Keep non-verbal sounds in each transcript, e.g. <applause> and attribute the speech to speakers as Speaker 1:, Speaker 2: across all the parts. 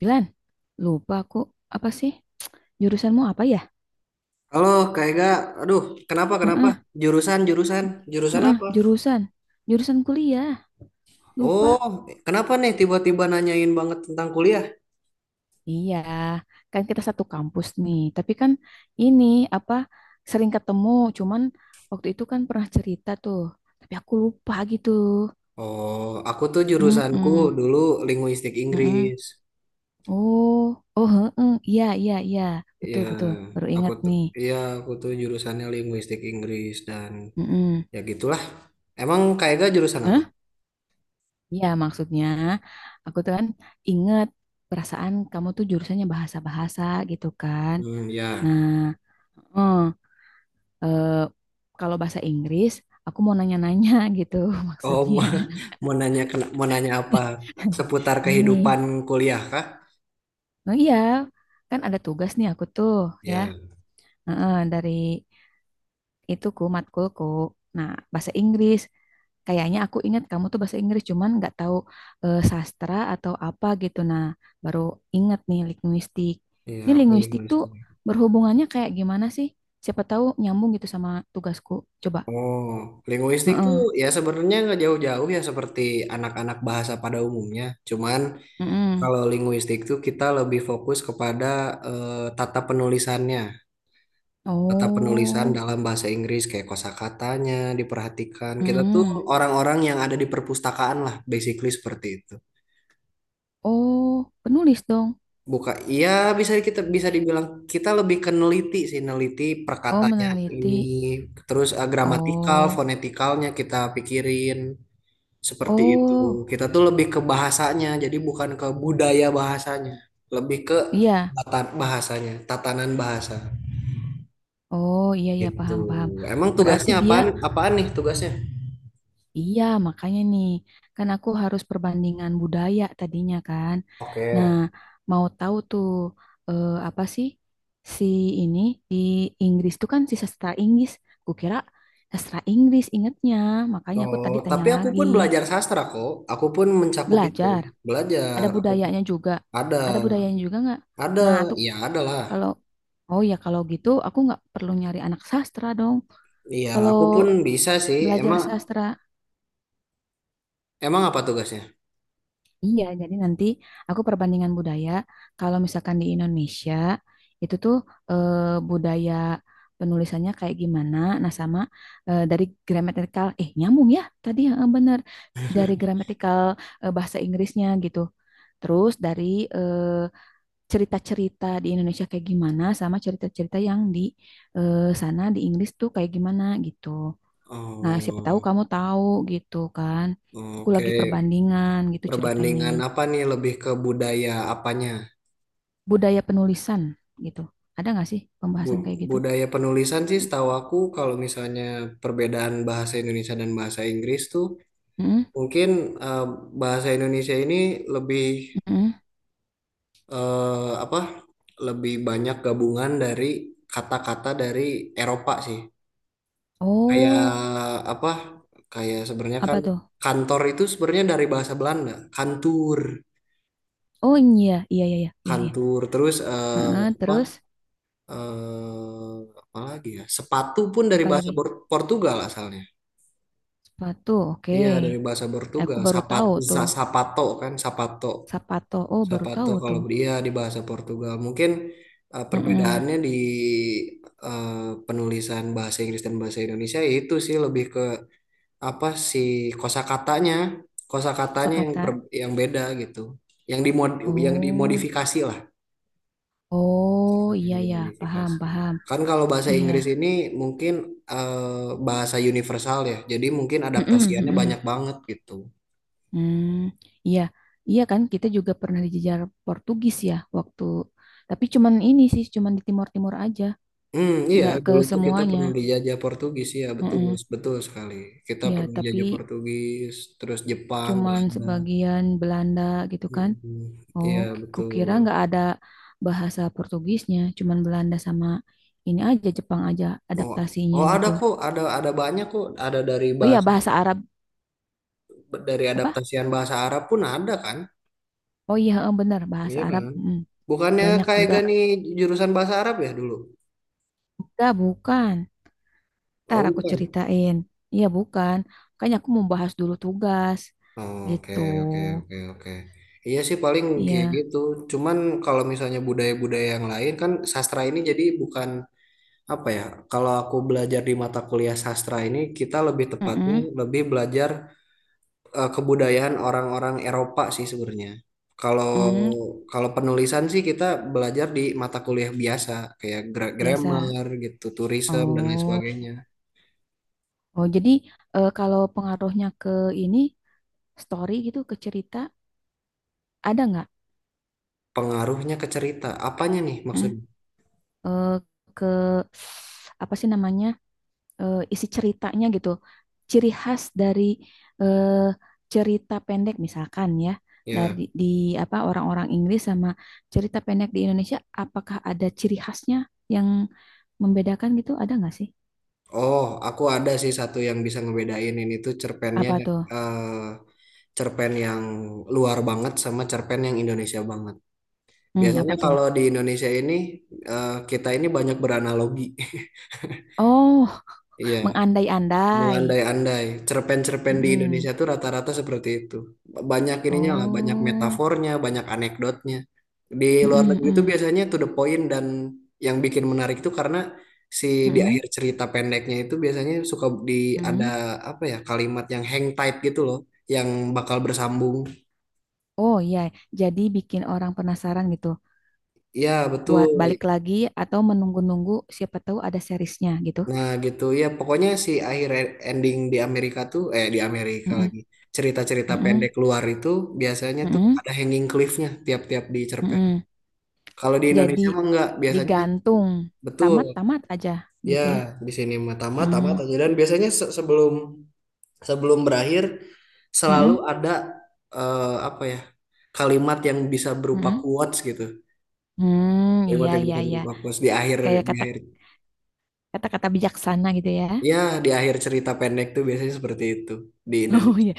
Speaker 1: Bilan, lupa aku apa sih? Jurusanmu apa ya?
Speaker 2: Halo, Kak Ega. Aduh, kenapa, kenapa?
Speaker 1: Heeh,
Speaker 2: Jurusan, jurusan. Jurusan
Speaker 1: heeh,
Speaker 2: apa?
Speaker 1: jurusan. Jurusan kuliah. Lupa.
Speaker 2: Oh, kenapa nih tiba-tiba nanyain banget tentang kuliah?
Speaker 1: Iya, kan kita satu kampus nih. Tapi kan ini apa sering ketemu, cuman waktu itu kan pernah cerita tuh. Tapi aku lupa gitu.
Speaker 2: Oh, aku tuh jurusanku
Speaker 1: Mm-mm,
Speaker 2: dulu linguistik
Speaker 1: mm-mm.
Speaker 2: Inggris.
Speaker 1: Oh, oh, heeh. Iya, iya, iya.
Speaker 2: Ya,
Speaker 1: Betul, betul. Baru
Speaker 2: aku
Speaker 1: ingat
Speaker 2: tuh,
Speaker 1: nih.
Speaker 2: ya, aku tuh jurusannya linguistik Inggris dan
Speaker 1: Mm-mm.
Speaker 2: ya gitulah. Emang Kak Ega jurusan apa?
Speaker 1: Hah? Iya, maksudnya aku tuh kan inget perasaan kamu tuh jurusannya bahasa-bahasa gitu kan.
Speaker 2: Hmm, ya.
Speaker 1: Nah, eh, eh, kalau bahasa Inggris, aku mau nanya-nanya gitu <laughs>
Speaker 2: Oh, <laughs>
Speaker 1: maksudnya.
Speaker 2: mau mau nanya apa? Seputar
Speaker 1: Ini,
Speaker 2: kehidupan kuliah kah?
Speaker 1: oh iya, kan ada tugas nih aku tuh ya,
Speaker 2: Ya,
Speaker 1: Heeh, dari ituku matkulku. Nah, bahasa Inggris. Kayaknya aku ingat kamu tuh bahasa Inggris cuman nggak tahu sastra atau apa gitu. Nah, baru ingat nih linguistik.
Speaker 2: ya,
Speaker 1: Ini
Speaker 2: aku
Speaker 1: linguistik tuh
Speaker 2: linguistik.
Speaker 1: berhubungannya kayak gimana sih? Siapa tahu nyambung gitu sama tugasku. Coba.
Speaker 2: Oh, linguistik tuh
Speaker 1: Heeh.
Speaker 2: ya sebenarnya nggak jauh-jauh ya seperti anak-anak bahasa pada umumnya. Cuman
Speaker 1: Heeh.
Speaker 2: kalau linguistik tuh kita lebih fokus kepada tata penulisannya, tata penulisan
Speaker 1: Oh.
Speaker 2: dalam bahasa Inggris kayak kosakatanya diperhatikan. Kita tuh
Speaker 1: Heeh.
Speaker 2: orang-orang yang ada di perpustakaan lah, basically seperti itu.
Speaker 1: Oh, penulis dong.
Speaker 2: Iya bisa kita bisa dibilang kita lebih ke neliti sih, neliti
Speaker 1: Oh,
Speaker 2: perkatanya ini,
Speaker 1: meneliti.
Speaker 2: terus gramatikal,
Speaker 1: Oh.
Speaker 2: fonetikalnya kita pikirin. Seperti itu.
Speaker 1: Oh,
Speaker 2: Kita tuh lebih ke bahasanya, jadi bukan ke budaya bahasanya, lebih ke
Speaker 1: iya.
Speaker 2: bahasanya, tatanan bahasa
Speaker 1: Oh, iya ya,
Speaker 2: gitu.
Speaker 1: paham paham.
Speaker 2: Emang
Speaker 1: Berarti
Speaker 2: tugasnya
Speaker 1: dia
Speaker 2: apaan? Apaan nih tugasnya?
Speaker 1: Iya, makanya nih, kan aku harus perbandingan budaya tadinya kan. Nah,
Speaker 2: Oke.
Speaker 1: mau tahu tuh apa sih si ini di Inggris tuh kan si sastra Inggris. Kukira sastra Inggris ingetnya, makanya aku
Speaker 2: Oh,
Speaker 1: tadi tanya
Speaker 2: tapi aku
Speaker 1: lagi.
Speaker 2: pun belajar sastra kok. Aku pun mencakup itu.
Speaker 1: Belajar, ada
Speaker 2: Aku
Speaker 1: budayanya juga.
Speaker 2: ada,
Speaker 1: Ada budayanya juga nggak?
Speaker 2: ada,
Speaker 1: Nah, tuh
Speaker 2: iya ada lah.
Speaker 1: kalau oh ya kalau gitu aku nggak perlu nyari anak sastra dong.
Speaker 2: Iya,
Speaker 1: Kalau
Speaker 2: aku pun bisa sih.
Speaker 1: belajar sastra
Speaker 2: Emang apa tugasnya?
Speaker 1: Iya, jadi nanti aku perbandingan budaya. Kalau misalkan di Indonesia, itu tuh eh, budaya penulisannya kayak gimana. Nah, sama dari gramatikal, nyambung ya tadi yang benar dari gramatikal bahasa Inggrisnya gitu. Terus dari eh, cerita-cerita di Indonesia kayak gimana, sama cerita-cerita yang di sana di Inggris tuh kayak gimana gitu. Nah, siapa tahu
Speaker 2: Oh,
Speaker 1: kamu tahu gitu kan. Aku
Speaker 2: oke.
Speaker 1: lagi perbandingan gitu ceritanya.
Speaker 2: Perbandingan apa nih? Lebih ke budaya apanya?
Speaker 1: Budaya penulisan gitu. Ada nggak sih pembahasan kayak gitu?
Speaker 2: Budaya penulisan sih setahu aku kalau misalnya perbedaan bahasa Indonesia dan bahasa Inggris tuh
Speaker 1: Mm-mm.
Speaker 2: mungkin eh, bahasa Indonesia ini lebih eh, apa lebih banyak gabungan dari kata-kata dari Eropa sih kayak
Speaker 1: Oh,
Speaker 2: apa kayak sebenarnya
Speaker 1: apa
Speaker 2: kan
Speaker 1: tuh?
Speaker 2: kantor itu sebenarnya dari bahasa Belanda kantur
Speaker 1: Oh iya, iya, iya, iya, iya, iya.
Speaker 2: kantur terus
Speaker 1: Heeh,
Speaker 2: apa
Speaker 1: terus
Speaker 2: apa lagi ya sepatu pun dari
Speaker 1: apa
Speaker 2: bahasa
Speaker 1: lagi?
Speaker 2: Portugal asalnya.
Speaker 1: Sepatu, oke.
Speaker 2: Iya dari bahasa
Speaker 1: Eh, aku
Speaker 2: Portugal,
Speaker 1: baru tahu tuh.
Speaker 2: sapato kan, sapato,
Speaker 1: Sapato, oh baru
Speaker 2: sapato
Speaker 1: tahu
Speaker 2: kalau
Speaker 1: tuh.
Speaker 2: dia di bahasa Portugal. Mungkin
Speaker 1: Mm-mm.
Speaker 2: perbedaannya di eh, penulisan bahasa Inggris dan bahasa Indonesia itu sih lebih ke apa sih kosakatanya, kosakatanya yang
Speaker 1: Kosakata.
Speaker 2: yang beda gitu, yang dimod, yang
Speaker 1: Oh,
Speaker 2: dimodifikasi lah,
Speaker 1: oh
Speaker 2: kosakata
Speaker 1: iya
Speaker 2: yang
Speaker 1: ya, paham,
Speaker 2: dimodifikasi.
Speaker 1: paham.
Speaker 2: Kan kalau bahasa
Speaker 1: Iya.
Speaker 2: Inggris ini mungkin bahasa universal ya, jadi mungkin
Speaker 1: Mm-mm,
Speaker 2: adaptasiannya
Speaker 1: mm-mm.
Speaker 2: banyak banget gitu.
Speaker 1: Hmm, iya, iya kan kita juga pernah dijejar Portugis ya waktu. Tapi cuman ini sih, cuman di Timur-Timur aja.
Speaker 2: Hmm, iya,
Speaker 1: Nggak ke
Speaker 2: dulu tuh kita
Speaker 1: semuanya.
Speaker 2: pernah dijajah Portugis, ya betul,
Speaker 1: Heeh.
Speaker 2: betul sekali. Kita
Speaker 1: Ya,
Speaker 2: pernah
Speaker 1: tapi
Speaker 2: dijajah Portugis, terus Jepang,
Speaker 1: cuman
Speaker 2: Belanda.
Speaker 1: sebagian Belanda gitu kan.
Speaker 2: Hmm,
Speaker 1: Oh,
Speaker 2: iya
Speaker 1: kukira
Speaker 2: betul.
Speaker 1: nggak ada bahasa Portugisnya, cuman Belanda sama ini aja Jepang aja
Speaker 2: Oh,
Speaker 1: adaptasinya
Speaker 2: oh ada
Speaker 1: gitu.
Speaker 2: kok, ada banyak kok, ada dari
Speaker 1: Oh iya,
Speaker 2: bahasa
Speaker 1: bahasa Arab
Speaker 2: dari
Speaker 1: apa?
Speaker 2: adaptasian bahasa Arab pun ada kan?
Speaker 1: Oh iya, heeh, bener bahasa
Speaker 2: Iya
Speaker 1: Arab
Speaker 2: kan? Bukannya
Speaker 1: banyak
Speaker 2: kayak
Speaker 1: juga.
Speaker 2: gani jurusan bahasa Arab ya dulu?
Speaker 1: Enggak, bukan. Ntar
Speaker 2: Oh,
Speaker 1: aku
Speaker 2: bukan.
Speaker 1: ceritain. Iya, bukan. Makanya aku mau bahas dulu tugas
Speaker 2: Oh, oke,
Speaker 1: gitu.
Speaker 2: oke, oke, oke. Iya sih paling kayak
Speaker 1: Iya.
Speaker 2: gitu. Cuman kalau misalnya budaya-budaya yang lain kan sastra ini jadi bukan apa ya, kalau aku belajar di mata kuliah sastra ini, kita lebih tepatnya
Speaker 1: Heeh.
Speaker 2: lebih belajar kebudayaan orang-orang Eropa sih sebenarnya. Kalau
Speaker 1: Mm,
Speaker 2: kalau penulisan sih kita belajar di mata kuliah biasa, kayak
Speaker 1: Biasa.
Speaker 2: grammar gitu, tourism dan lain
Speaker 1: Oh.
Speaker 2: sebagainya.
Speaker 1: Oh, jadi kalau pengaruhnya ke ini story gitu ke cerita ada nggak?
Speaker 2: Pengaruhnya ke cerita, apanya nih
Speaker 1: Hmm,
Speaker 2: maksudnya?
Speaker 1: eh, ke apa sih namanya isi ceritanya gitu? Ciri khas dari eh, cerita pendek misalkan ya
Speaker 2: Ya,
Speaker 1: dari di apa orang-orang Inggris sama cerita pendek di Indonesia, apakah ada ciri khasnya yang membedakan gitu? Ada nggak sih?
Speaker 2: oh, aku ada sih satu yang bisa ngebedain ini tuh cerpennya
Speaker 1: Apa tuh?
Speaker 2: eh cerpen yang luar banget sama cerpen yang Indonesia banget. Biasanya
Speaker 1: Apa tuh?
Speaker 2: kalau di Indonesia ini kita ini banyak beranalogi. <laughs>
Speaker 1: Oh,
Speaker 2: Iya,
Speaker 1: mengandai-andai.
Speaker 2: mengandai-andai. Cerpen-cerpen di
Speaker 1: Hmm,
Speaker 2: Indonesia tuh rata-rata seperti itu. Banyak ininya lah, banyak
Speaker 1: oh.
Speaker 2: metafornya, banyak anekdotnya. Di luar
Speaker 1: Mm-mm,
Speaker 2: negeri itu
Speaker 1: mm.
Speaker 2: biasanya to the point dan yang bikin menarik itu karena si di
Speaker 1: Mm-mm,
Speaker 2: akhir cerita pendeknya itu biasanya suka di ada
Speaker 1: mm-mm.
Speaker 2: apa ya kalimat yang hang tight gitu loh, yang bakal bersambung.
Speaker 1: Oh iya, jadi bikin orang penasaran gitu
Speaker 2: Iya, betul.
Speaker 1: buat balik lagi atau menunggu-nunggu siapa tahu ada seriesnya gitu.
Speaker 2: Nah gitu ya pokoknya si akhir ending di Amerika tuh di Amerika
Speaker 1: Mm-mm,
Speaker 2: lagi cerita-cerita
Speaker 1: mm-mm,
Speaker 2: pendek luar itu biasanya tuh
Speaker 1: mm-mm,
Speaker 2: ada hanging cliffnya tiap-tiap di cerpen.
Speaker 1: mm-mm.
Speaker 2: Kalau di
Speaker 1: Jadi
Speaker 2: Indonesia mah enggak biasanya
Speaker 1: digantung
Speaker 2: betul
Speaker 1: tamat-tamat aja
Speaker 2: ya
Speaker 1: gitu ya.
Speaker 2: di sini mah tamat tamat
Speaker 1: Mm,
Speaker 2: aja dan biasanya se- sebelum sebelum berakhir selalu
Speaker 1: mm-mm,
Speaker 2: ada eh, apa ya kalimat yang bisa berupa
Speaker 1: mm-mm.
Speaker 2: quotes gitu
Speaker 1: Hmm,
Speaker 2: kalimat
Speaker 1: iya
Speaker 2: yang
Speaker 1: iya
Speaker 2: bisa
Speaker 1: iya.
Speaker 2: berupa quotes di akhir
Speaker 1: Kayak
Speaker 2: di akhir
Speaker 1: kata-kata bijaksana gitu ya. <laughs>
Speaker 2: ya di akhir cerita pendek tuh biasanya seperti itu di
Speaker 1: Oh
Speaker 2: Indonesia.
Speaker 1: iya.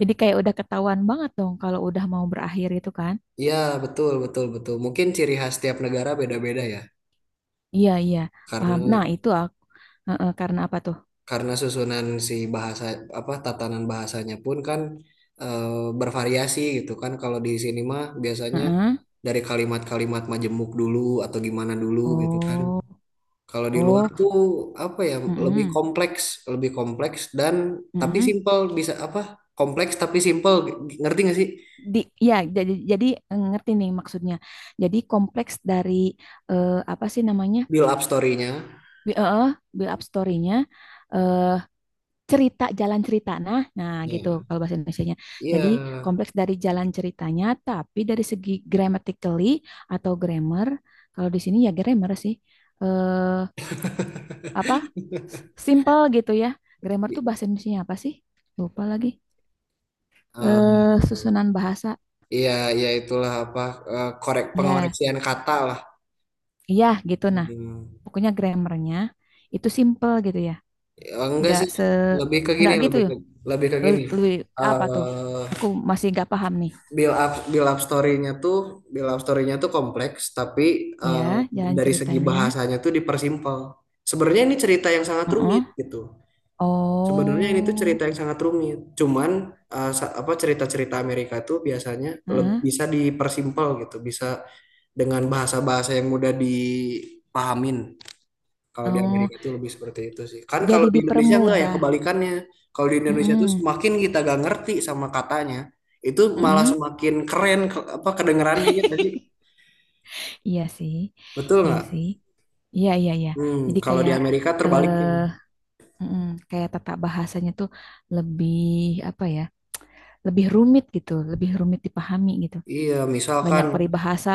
Speaker 1: Jadi kayak udah ketahuan banget dong kalau udah mau berakhir itu kan.
Speaker 2: Iya, betul, betul, betul. Mungkin ciri khas tiap negara beda-beda ya.
Speaker 1: Iya, iya, paham. Nah,
Speaker 2: Karena
Speaker 1: itu aku. Heeh, karena apa tuh?
Speaker 2: karena susunan si bahasa apa tatanan bahasanya pun kan eh, bervariasi gitu kan. Kalau di sini mah biasanya
Speaker 1: Heeh.
Speaker 2: dari kalimat-kalimat majemuk dulu atau gimana dulu gitu kan.
Speaker 1: Oh,
Speaker 2: Kalau di luar
Speaker 1: oh,
Speaker 2: tuh apa ya lebih
Speaker 1: mm-mm,
Speaker 2: kompleks, lebih kompleks dan tapi
Speaker 1: mm-mm.
Speaker 2: simpel bisa apa? Kompleks tapi simpel. Ngerti gak sih
Speaker 1: Di, ya, jadi ngerti nih maksudnya. Jadi kompleks dari apa sih namanya?
Speaker 2: build up story-nya?
Speaker 1: Bi- eh, eh, build up story-nya, eh, cerita jalan cerita. Nah, nah gitu
Speaker 2: Iya.
Speaker 1: kalau bahasa Indonesianya.
Speaker 2: Iya.
Speaker 1: Jadi kompleks dari jalan ceritanya, tapi dari segi grammatically atau grammar, kalau di sini ya grammar sih. Eh, apa? Simple gitu ya.
Speaker 2: <laughs>
Speaker 1: Grammar tuh
Speaker 2: Di-
Speaker 1: bahasa Indonesianya apa sih? Lupa lagi.
Speaker 2: eh,
Speaker 1: Susunan bahasa
Speaker 2: Iya, ya itulah apa korek
Speaker 1: ya
Speaker 2: pengoreksian kata lah.
Speaker 1: iya gitu nah
Speaker 2: Hmm.
Speaker 1: pokoknya grammarnya itu simple gitu ya
Speaker 2: Ya, enggak
Speaker 1: nggak
Speaker 2: sih,
Speaker 1: se
Speaker 2: lebih ke
Speaker 1: nggak
Speaker 2: gini,
Speaker 1: gitu ya
Speaker 2: lebih ke gini.
Speaker 1: lebih apa tuh aku
Speaker 2: eh
Speaker 1: masih nggak paham nih
Speaker 2: Build up story-nya tuh build up story-nya tuh kompleks, tapi
Speaker 1: ya
Speaker 2: eh,
Speaker 1: jalan
Speaker 2: dari segi
Speaker 1: ceritanya.
Speaker 2: bahasanya tuh dipersimpel. Sebenarnya ini cerita yang sangat rumit
Speaker 1: Heeh.
Speaker 2: gitu. Sebenarnya ini tuh
Speaker 1: Oh
Speaker 2: cerita yang sangat rumit. Cuman eh, sa- apa cerita-cerita Amerika tuh biasanya
Speaker 1: heeh.
Speaker 2: bisa dipersimpel gitu, bisa dengan bahasa-bahasa yang mudah dipahamin. Kalau di
Speaker 1: Oh
Speaker 2: Amerika itu lebih seperti itu sih. Kan kalau
Speaker 1: jadi
Speaker 2: di Indonesia enggak ya
Speaker 1: dipermudah.
Speaker 2: kebalikannya. Kalau di Indonesia tuh
Speaker 1: Heeh.
Speaker 2: semakin kita gak ngerti sama katanya, itu malah
Speaker 1: Heeh.
Speaker 2: semakin keren ke- apa kedengerannya ya tadi.
Speaker 1: <laughs> Iya sih,
Speaker 2: Betul
Speaker 1: iya
Speaker 2: nggak?
Speaker 1: sih, iya iya iya.
Speaker 2: Hmm,
Speaker 1: Jadi
Speaker 2: kalau di
Speaker 1: kayak
Speaker 2: Amerika terbaliknya.
Speaker 1: eh mm, kayak tata bahasanya tuh lebih apa ya, lebih rumit gitu, lebih rumit dipahami gitu.
Speaker 2: Iya, misalkan
Speaker 1: Banyak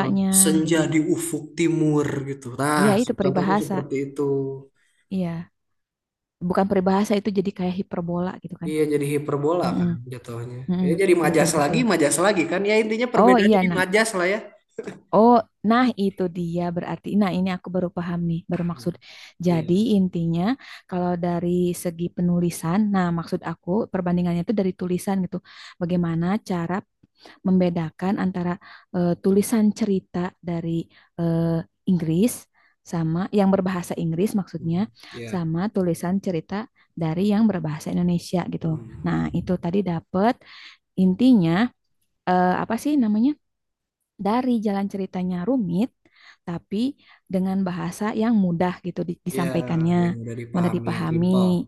Speaker 2: eh, senja
Speaker 1: gitu.
Speaker 2: di ufuk timur gitu. Nah,
Speaker 1: Iya, itu
Speaker 2: contohnya
Speaker 1: peribahasa.
Speaker 2: seperti itu.
Speaker 1: Iya, bukan peribahasa itu jadi kayak hiperbola gitu kan.
Speaker 2: Iya, jadi hiperbola kan
Speaker 1: Mm-mm,
Speaker 2: jatuhnya.
Speaker 1: mm-mm,
Speaker 2: Ya, jadi
Speaker 1: betul betul.
Speaker 2: majas lagi kan. Ya intinya
Speaker 1: Oh
Speaker 2: perbedaannya
Speaker 1: iya,
Speaker 2: di
Speaker 1: nah.
Speaker 2: majas lah ya.
Speaker 1: Oh, nah itu dia berarti. Nah, ini aku baru paham nih, baru maksud. Jadi
Speaker 2: Iya.
Speaker 1: intinya kalau dari segi penulisan, nah maksud aku perbandingannya itu dari tulisan gitu. Bagaimana cara membedakan antara tulisan cerita dari eh, Inggris sama yang berbahasa Inggris maksudnya
Speaker 2: Hmm, iya.
Speaker 1: sama tulisan cerita dari yang berbahasa Indonesia gitu.
Speaker 2: Hmm.
Speaker 1: Nah, itu tadi dapat intinya apa sih namanya? Dari jalan ceritanya rumit, tapi dengan bahasa yang mudah gitu
Speaker 2: Iya, yang
Speaker 1: disampaikannya,
Speaker 2: udah
Speaker 1: mudah
Speaker 2: dipahami, yang simpel.
Speaker 1: dipahami.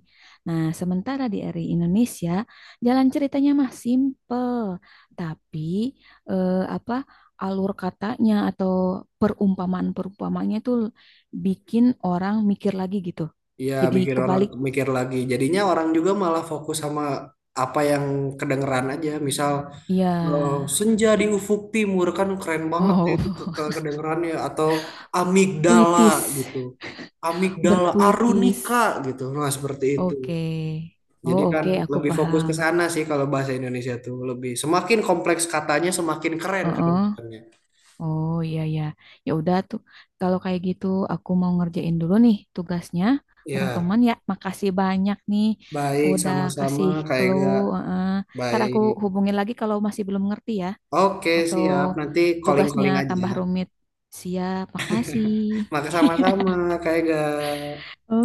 Speaker 1: Nah, sementara di RI Indonesia, jalan ceritanya mah simple, tapi apa alur katanya atau perumpamaan-perumpamanya itu bikin orang mikir lagi gitu.
Speaker 2: Iya,
Speaker 1: Jadi
Speaker 2: bikin orang
Speaker 1: kebalik,
Speaker 2: mikir lagi. Jadinya orang juga malah fokus sama apa yang kedengeran aja. Misal eh,
Speaker 1: ya.
Speaker 2: senja di ufuk timur kan keren banget ya
Speaker 1: Oh,
Speaker 2: itu
Speaker 1: <laughs>
Speaker 2: kedengerannya atau amigdala
Speaker 1: puitis,
Speaker 2: gitu. Amigdala
Speaker 1: berpuitis.
Speaker 2: arunika gitu. Nah, seperti itu.
Speaker 1: Oke. Oh,
Speaker 2: Jadi kan
Speaker 1: oke, aku
Speaker 2: lebih fokus
Speaker 1: paham.
Speaker 2: ke sana sih kalau bahasa Indonesia tuh lebih semakin kompleks katanya semakin keren
Speaker 1: Heeh.
Speaker 2: kedengarannya.
Speaker 1: Oh iya ya. Ya udah tuh. Kalau kayak gitu aku mau ngerjain dulu nih tugasnya bareng
Speaker 2: Ya,
Speaker 1: teman ya. Makasih banyak nih
Speaker 2: baik
Speaker 1: udah
Speaker 2: sama-sama
Speaker 1: kasih
Speaker 2: kayak
Speaker 1: clue.
Speaker 2: gak
Speaker 1: Heeh. Ntar aku
Speaker 2: baik.
Speaker 1: hubungin lagi kalau masih belum ngerti ya
Speaker 2: Oke,
Speaker 1: atau
Speaker 2: siap. Nanti
Speaker 1: tugasnya
Speaker 2: calling-calling aja.
Speaker 1: tambah rumit. Siap, makasih.
Speaker 2: Maka sama-sama, Kak Ega.
Speaker 1: <laughs> Oke.